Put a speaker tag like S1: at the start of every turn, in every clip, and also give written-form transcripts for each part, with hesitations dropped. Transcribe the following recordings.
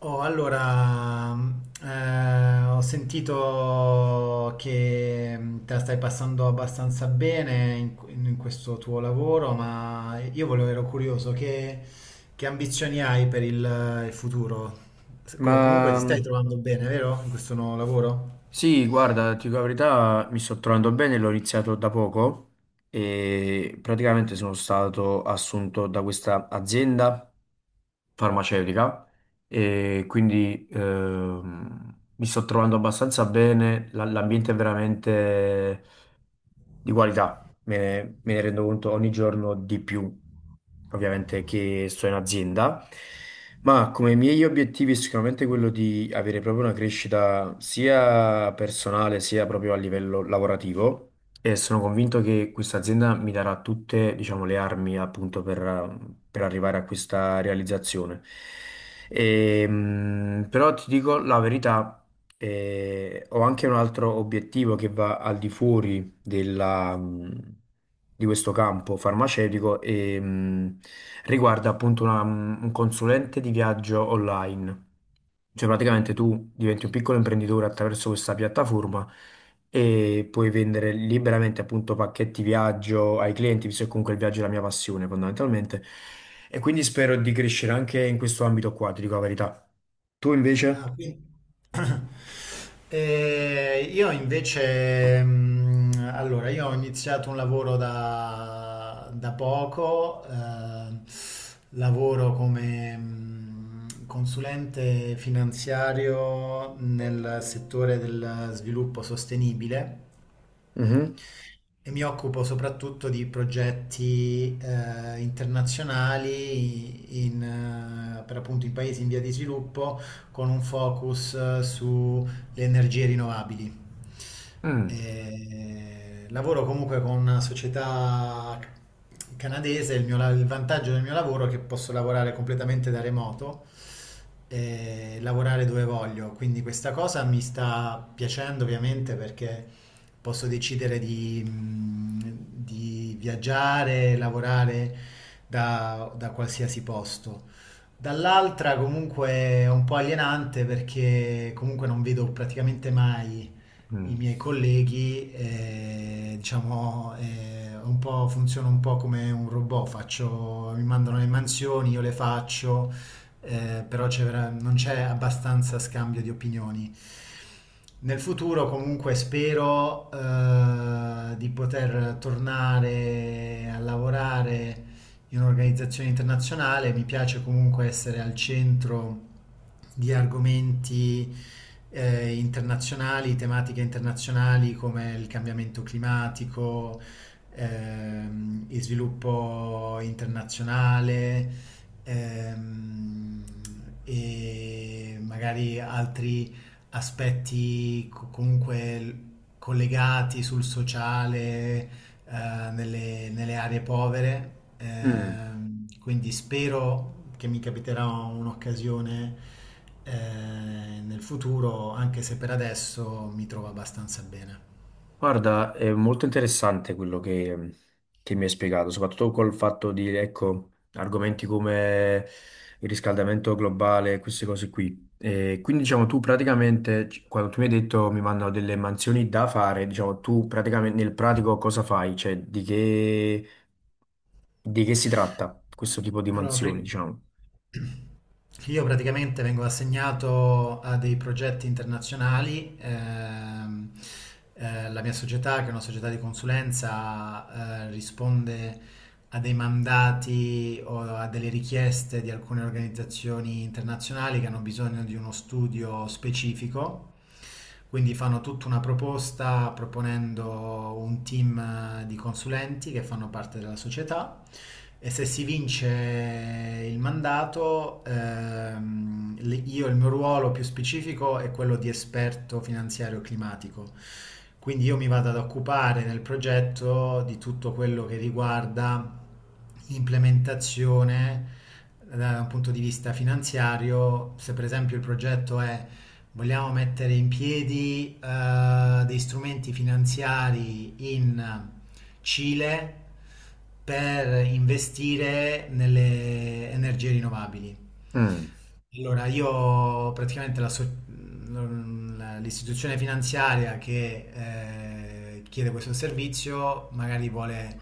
S1: Oh, allora, mm, ho sentito che te la stai passando abbastanza bene in questo tuo lavoro, ma ero curioso, che ambizioni hai per il futuro? Comunque
S2: Ma
S1: ti stai trovando bene, vero? In questo nuovo lavoro?
S2: sì, guarda, ti dico la verità, mi sto trovando bene, l'ho iniziato da poco e praticamente sono stato assunto da questa azienda farmaceutica e quindi mi sto trovando abbastanza bene, l'ambiente è veramente di qualità, me ne rendo conto ogni giorno di più, ovviamente che sto in azienda, ma come miei obiettivi è sicuramente quello di avere proprio una crescita sia personale sia proprio a livello lavorativo e sono convinto che questa azienda mi darà tutte, diciamo, le armi appunto per arrivare a questa realizzazione. Però ti dico la verità. Ho anche un altro obiettivo che va al di fuori della, mh, di questo campo farmaceutico e riguarda appunto un consulente di viaggio online. Cioè praticamente tu diventi un piccolo imprenditore attraverso questa piattaforma e puoi vendere liberamente appunto pacchetti viaggio ai clienti, visto che comunque il viaggio è la mia passione fondamentalmente. E quindi spero di crescere anche in questo ambito qua, ti dico la verità. Tu
S1: Ah,
S2: invece?
S1: quindi... E io invece, io ho iniziato un lavoro da poco, lavoro come consulente finanziario nel settore del sviluppo sostenibile
S2: Mhm.
S1: e mi occupo soprattutto di progetti internazionali per appunto in paesi in via di sviluppo con un focus sulle energie rinnovabili.
S2: Mm,
S1: Lavoro comunque con una società canadese, il vantaggio del mio lavoro è che posso lavorare completamente da remoto e lavorare dove voglio. Quindi questa cosa mi sta piacendo ovviamente perché posso decidere di viaggiare, lavorare da qualsiasi posto. Dall'altra comunque è un po' alienante perché comunque non vedo praticamente mai i
S2: mm.
S1: miei colleghi, diciamo, funziono un po' come un robot, faccio, mi mandano le mansioni, io le faccio, però non c'è abbastanza scambio di opinioni. Nel futuro comunque spero di poter tornare a lavorare in un'organizzazione internazionale, mi piace comunque essere al centro di argomenti internazionali, tematiche internazionali come il cambiamento climatico, il sviluppo internazionale ehm, e magari altri aspetti co- comunque l- collegati sul sociale, nelle aree povere,
S2: Mm.
S1: quindi spero che mi capiterà un'occasione eh, nel futuro, anche se per adesso mi trovo abbastanza bene.
S2: Guarda, è molto interessante quello che mi hai spiegato, soprattutto col fatto di, ecco, argomenti come il riscaldamento globale, queste cose qui. E quindi, diciamo, tu praticamente, quando tu mi hai detto mi mandano delle mansioni da fare, diciamo, tu praticamente nel pratico cosa fai? Cioè, di che si tratta questo tipo di
S1: Allora,
S2: mansioni,
S1: pri-
S2: diciamo?
S1: io praticamente vengo assegnato a dei progetti internazionali. La mia società, che è una società di consulenza, risponde a dei mandati o a delle richieste di alcune organizzazioni internazionali che hanno bisogno di uno studio specifico. Quindi fanno tutta una proposta proponendo un team di consulenti che fanno parte della società e se si vince il mandato, io il mio ruolo più specifico è quello di esperto finanziario climatico. Quindi io mi vado ad occupare nel progetto di tutto quello che riguarda l'implementazione da un punto di vista finanziario. Se per esempio il progetto è vogliamo mettere in piedi dei strumenti finanziari in Cile per investire nelle energie rinnovabili.
S2: Mm.
S1: Allora, io praticamente la so- mm, la- l'istituzione finanziaria che chiede questo servizio magari vuole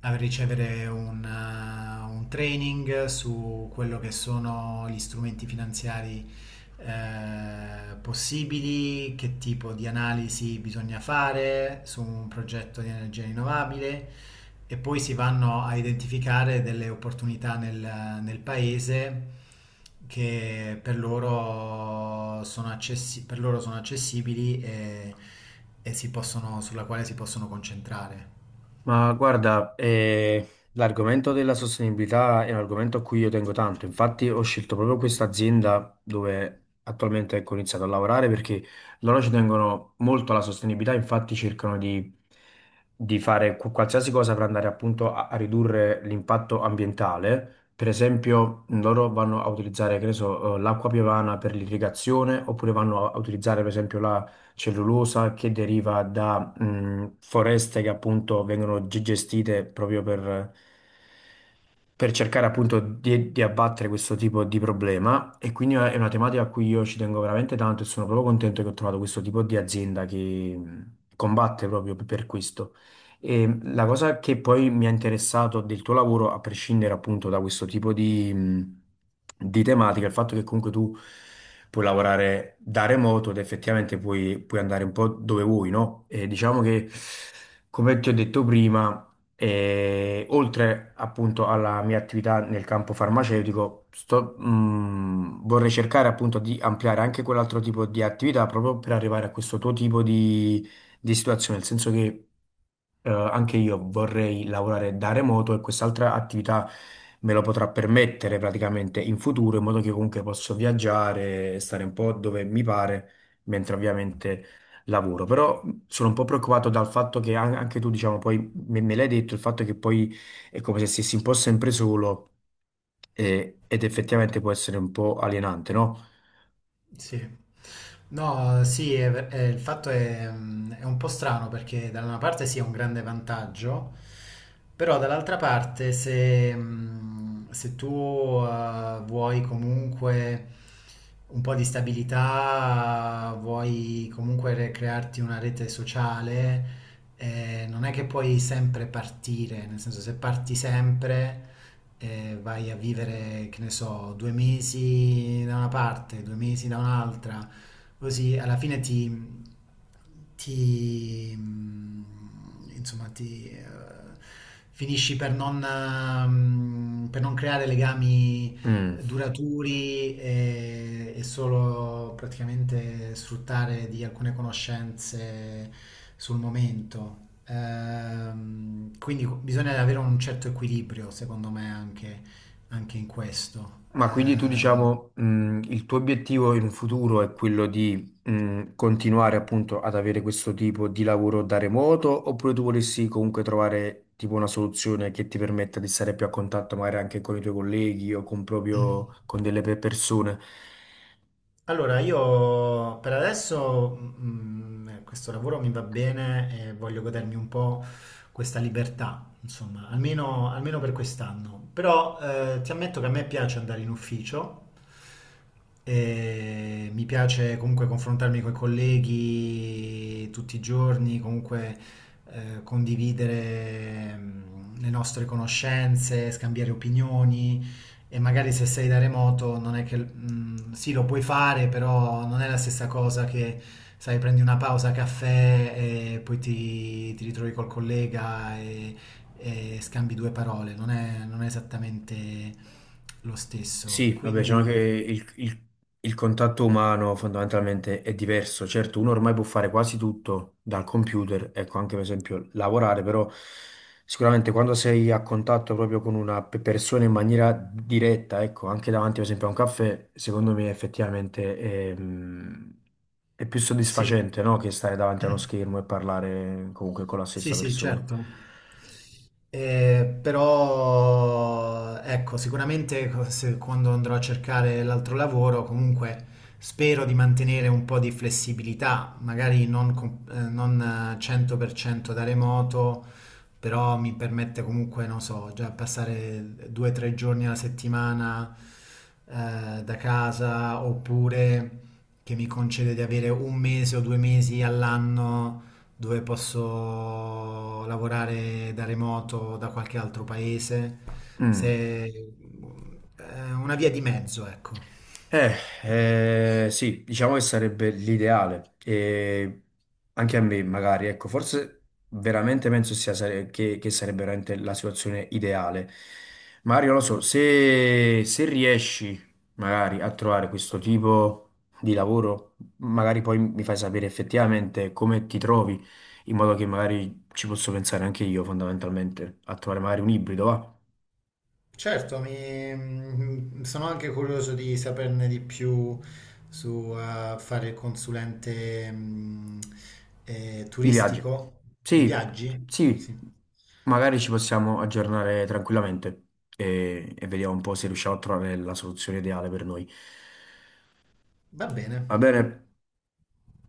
S1: ricevere un training su quello che sono gli strumenti finanziari possibili, che tipo di analisi bisogna fare su un progetto di energia rinnovabile e poi si vanno a identificare delle opportunità nel paese che per loro per loro sono accessibili e, sulla quale si possono concentrare.
S2: Ma guarda, l'argomento della sostenibilità è un argomento a cui io tengo tanto. Infatti ho scelto proprio questa azienda dove attualmente ecco, ho iniziato a lavorare perché loro ci tengono molto alla sostenibilità, infatti cercano di fare qualsiasi cosa per andare appunto a ridurre l'impatto ambientale. Per esempio, loro vanno a utilizzare, che ne so, l'acqua piovana per l'irrigazione oppure vanno a utilizzare per esempio la cellulosa che deriva da foreste che appunto vengono gestite proprio per cercare appunto di abbattere questo tipo di problema e quindi è una tematica a cui io ci tengo veramente tanto e sono proprio contento che ho trovato questo tipo di azienda che mh, combatte proprio per questo. E la cosa che poi mi ha interessato del tuo lavoro, a prescindere appunto da questo tipo di tematica, è il fatto che comunque tu puoi lavorare da remoto ed effettivamente puoi andare un po' dove vuoi, no? E diciamo che, come ti ho detto prima, e oltre appunto alla mia attività nel campo farmaceutico, vorrei cercare appunto di ampliare anche quell'altro tipo di attività proprio per arrivare a questo tuo tipo di situazione, nel senso che anche io vorrei lavorare da remoto e quest'altra attività me lo potrà permettere praticamente in futuro, in modo che comunque posso viaggiare e stare un po' dove mi pare, mentre ovviamente lavoro. Però sono un po' preoccupato dal fatto che anche tu, diciamo, poi me l'hai detto il fatto che poi è come se stessi un po' sempre solo ed effettivamente può essere un po' alienante, no?
S1: Sì. No, sì, il fatto è, è un po' strano perché da una parte sì è un grande vantaggio, però dall'altra parte se tu vuoi comunque un po' di stabilità, vuoi comunque crearti una rete sociale, non è che puoi sempre partire, nel senso se parti sempre vai a vivere, che ne so, 2 mesi da una parte, 2 mesi da un'altra, così alla fine ti, ti mm, insomma, ti finisci per non, mm, per non creare legami
S2: Mm.
S1: duraturi e solo praticamente sfruttare di alcune conoscenze sul momento. Bisogna avere un certo equilibrio, secondo me, anche in questo.
S2: Ma quindi tu diciamo il tuo obiettivo in un futuro è quello di continuare appunto ad avere questo tipo di lavoro da remoto oppure tu volessi comunque trovare tipo una soluzione che ti permetta di stare più a contatto magari anche con i tuoi colleghi o con proprio con delle persone?
S1: Allora, io per adesso questo lavoro mi va bene e voglio godermi un po' questa libertà, insomma, almeno per quest'anno. Però ti ammetto che a me piace andare in ufficio, e mi piace comunque confrontarmi con i colleghi tutti i giorni, comunque condividere le nostre conoscenze, scambiare opinioni. E magari se sei da remoto non è che... mm, sì, lo puoi fare, però non è la stessa cosa che, sai, prendi una pausa caffè e poi ti ritrovi col collega e scambi due parole. Non è esattamente lo stesso.
S2: Sì, vabbè, diciamo che
S1: Quindi...
S2: il contatto umano fondamentalmente è diverso. Certo, uno ormai può fare quasi tutto dal computer, ecco, anche per esempio lavorare, però sicuramente quando sei a contatto proprio con una persona in maniera diretta, ecco, anche davanti per esempio a un caffè, secondo me effettivamente è più
S1: Sì,
S2: soddisfacente, no? Che stare davanti a uno schermo e parlare comunque con la
S1: sì,
S2: stessa
S1: sì,
S2: persona.
S1: certo. Però ecco, sicuramente quando andrò a cercare l'altro lavoro, comunque spero di mantenere un po' di flessibilità, magari non, com- non 100% da remoto, però mi permette comunque, non so, già passare 2 o 3 giorni alla settimana da casa oppure che mi concede di avere 1 mese o 2 mesi all'anno dove posso lavorare da remoto da qualche altro paese.
S2: Mm.
S1: Se, Una via di mezzo, ecco.
S2: Eh, sì, diciamo che sarebbe l'ideale. E anche a me, magari, ecco, forse veramente penso che sarebbe veramente la situazione ideale. Mario, non lo so, se riesci magari a trovare questo tipo di lavoro, magari poi mi fai sapere effettivamente come ti trovi, in modo che magari ci posso pensare anche io, fondamentalmente, a trovare magari un ibrido, va?
S1: Certo, sono anche curioso di saperne di più su fare il consulente
S2: Di viaggio.
S1: turistico di
S2: Sì,
S1: viaggi. Sì.
S2: sì, magari ci possiamo aggiornare tranquillamente e vediamo un po' se riusciamo a trovare la soluzione ideale per noi.
S1: Va bene.
S2: Va bene?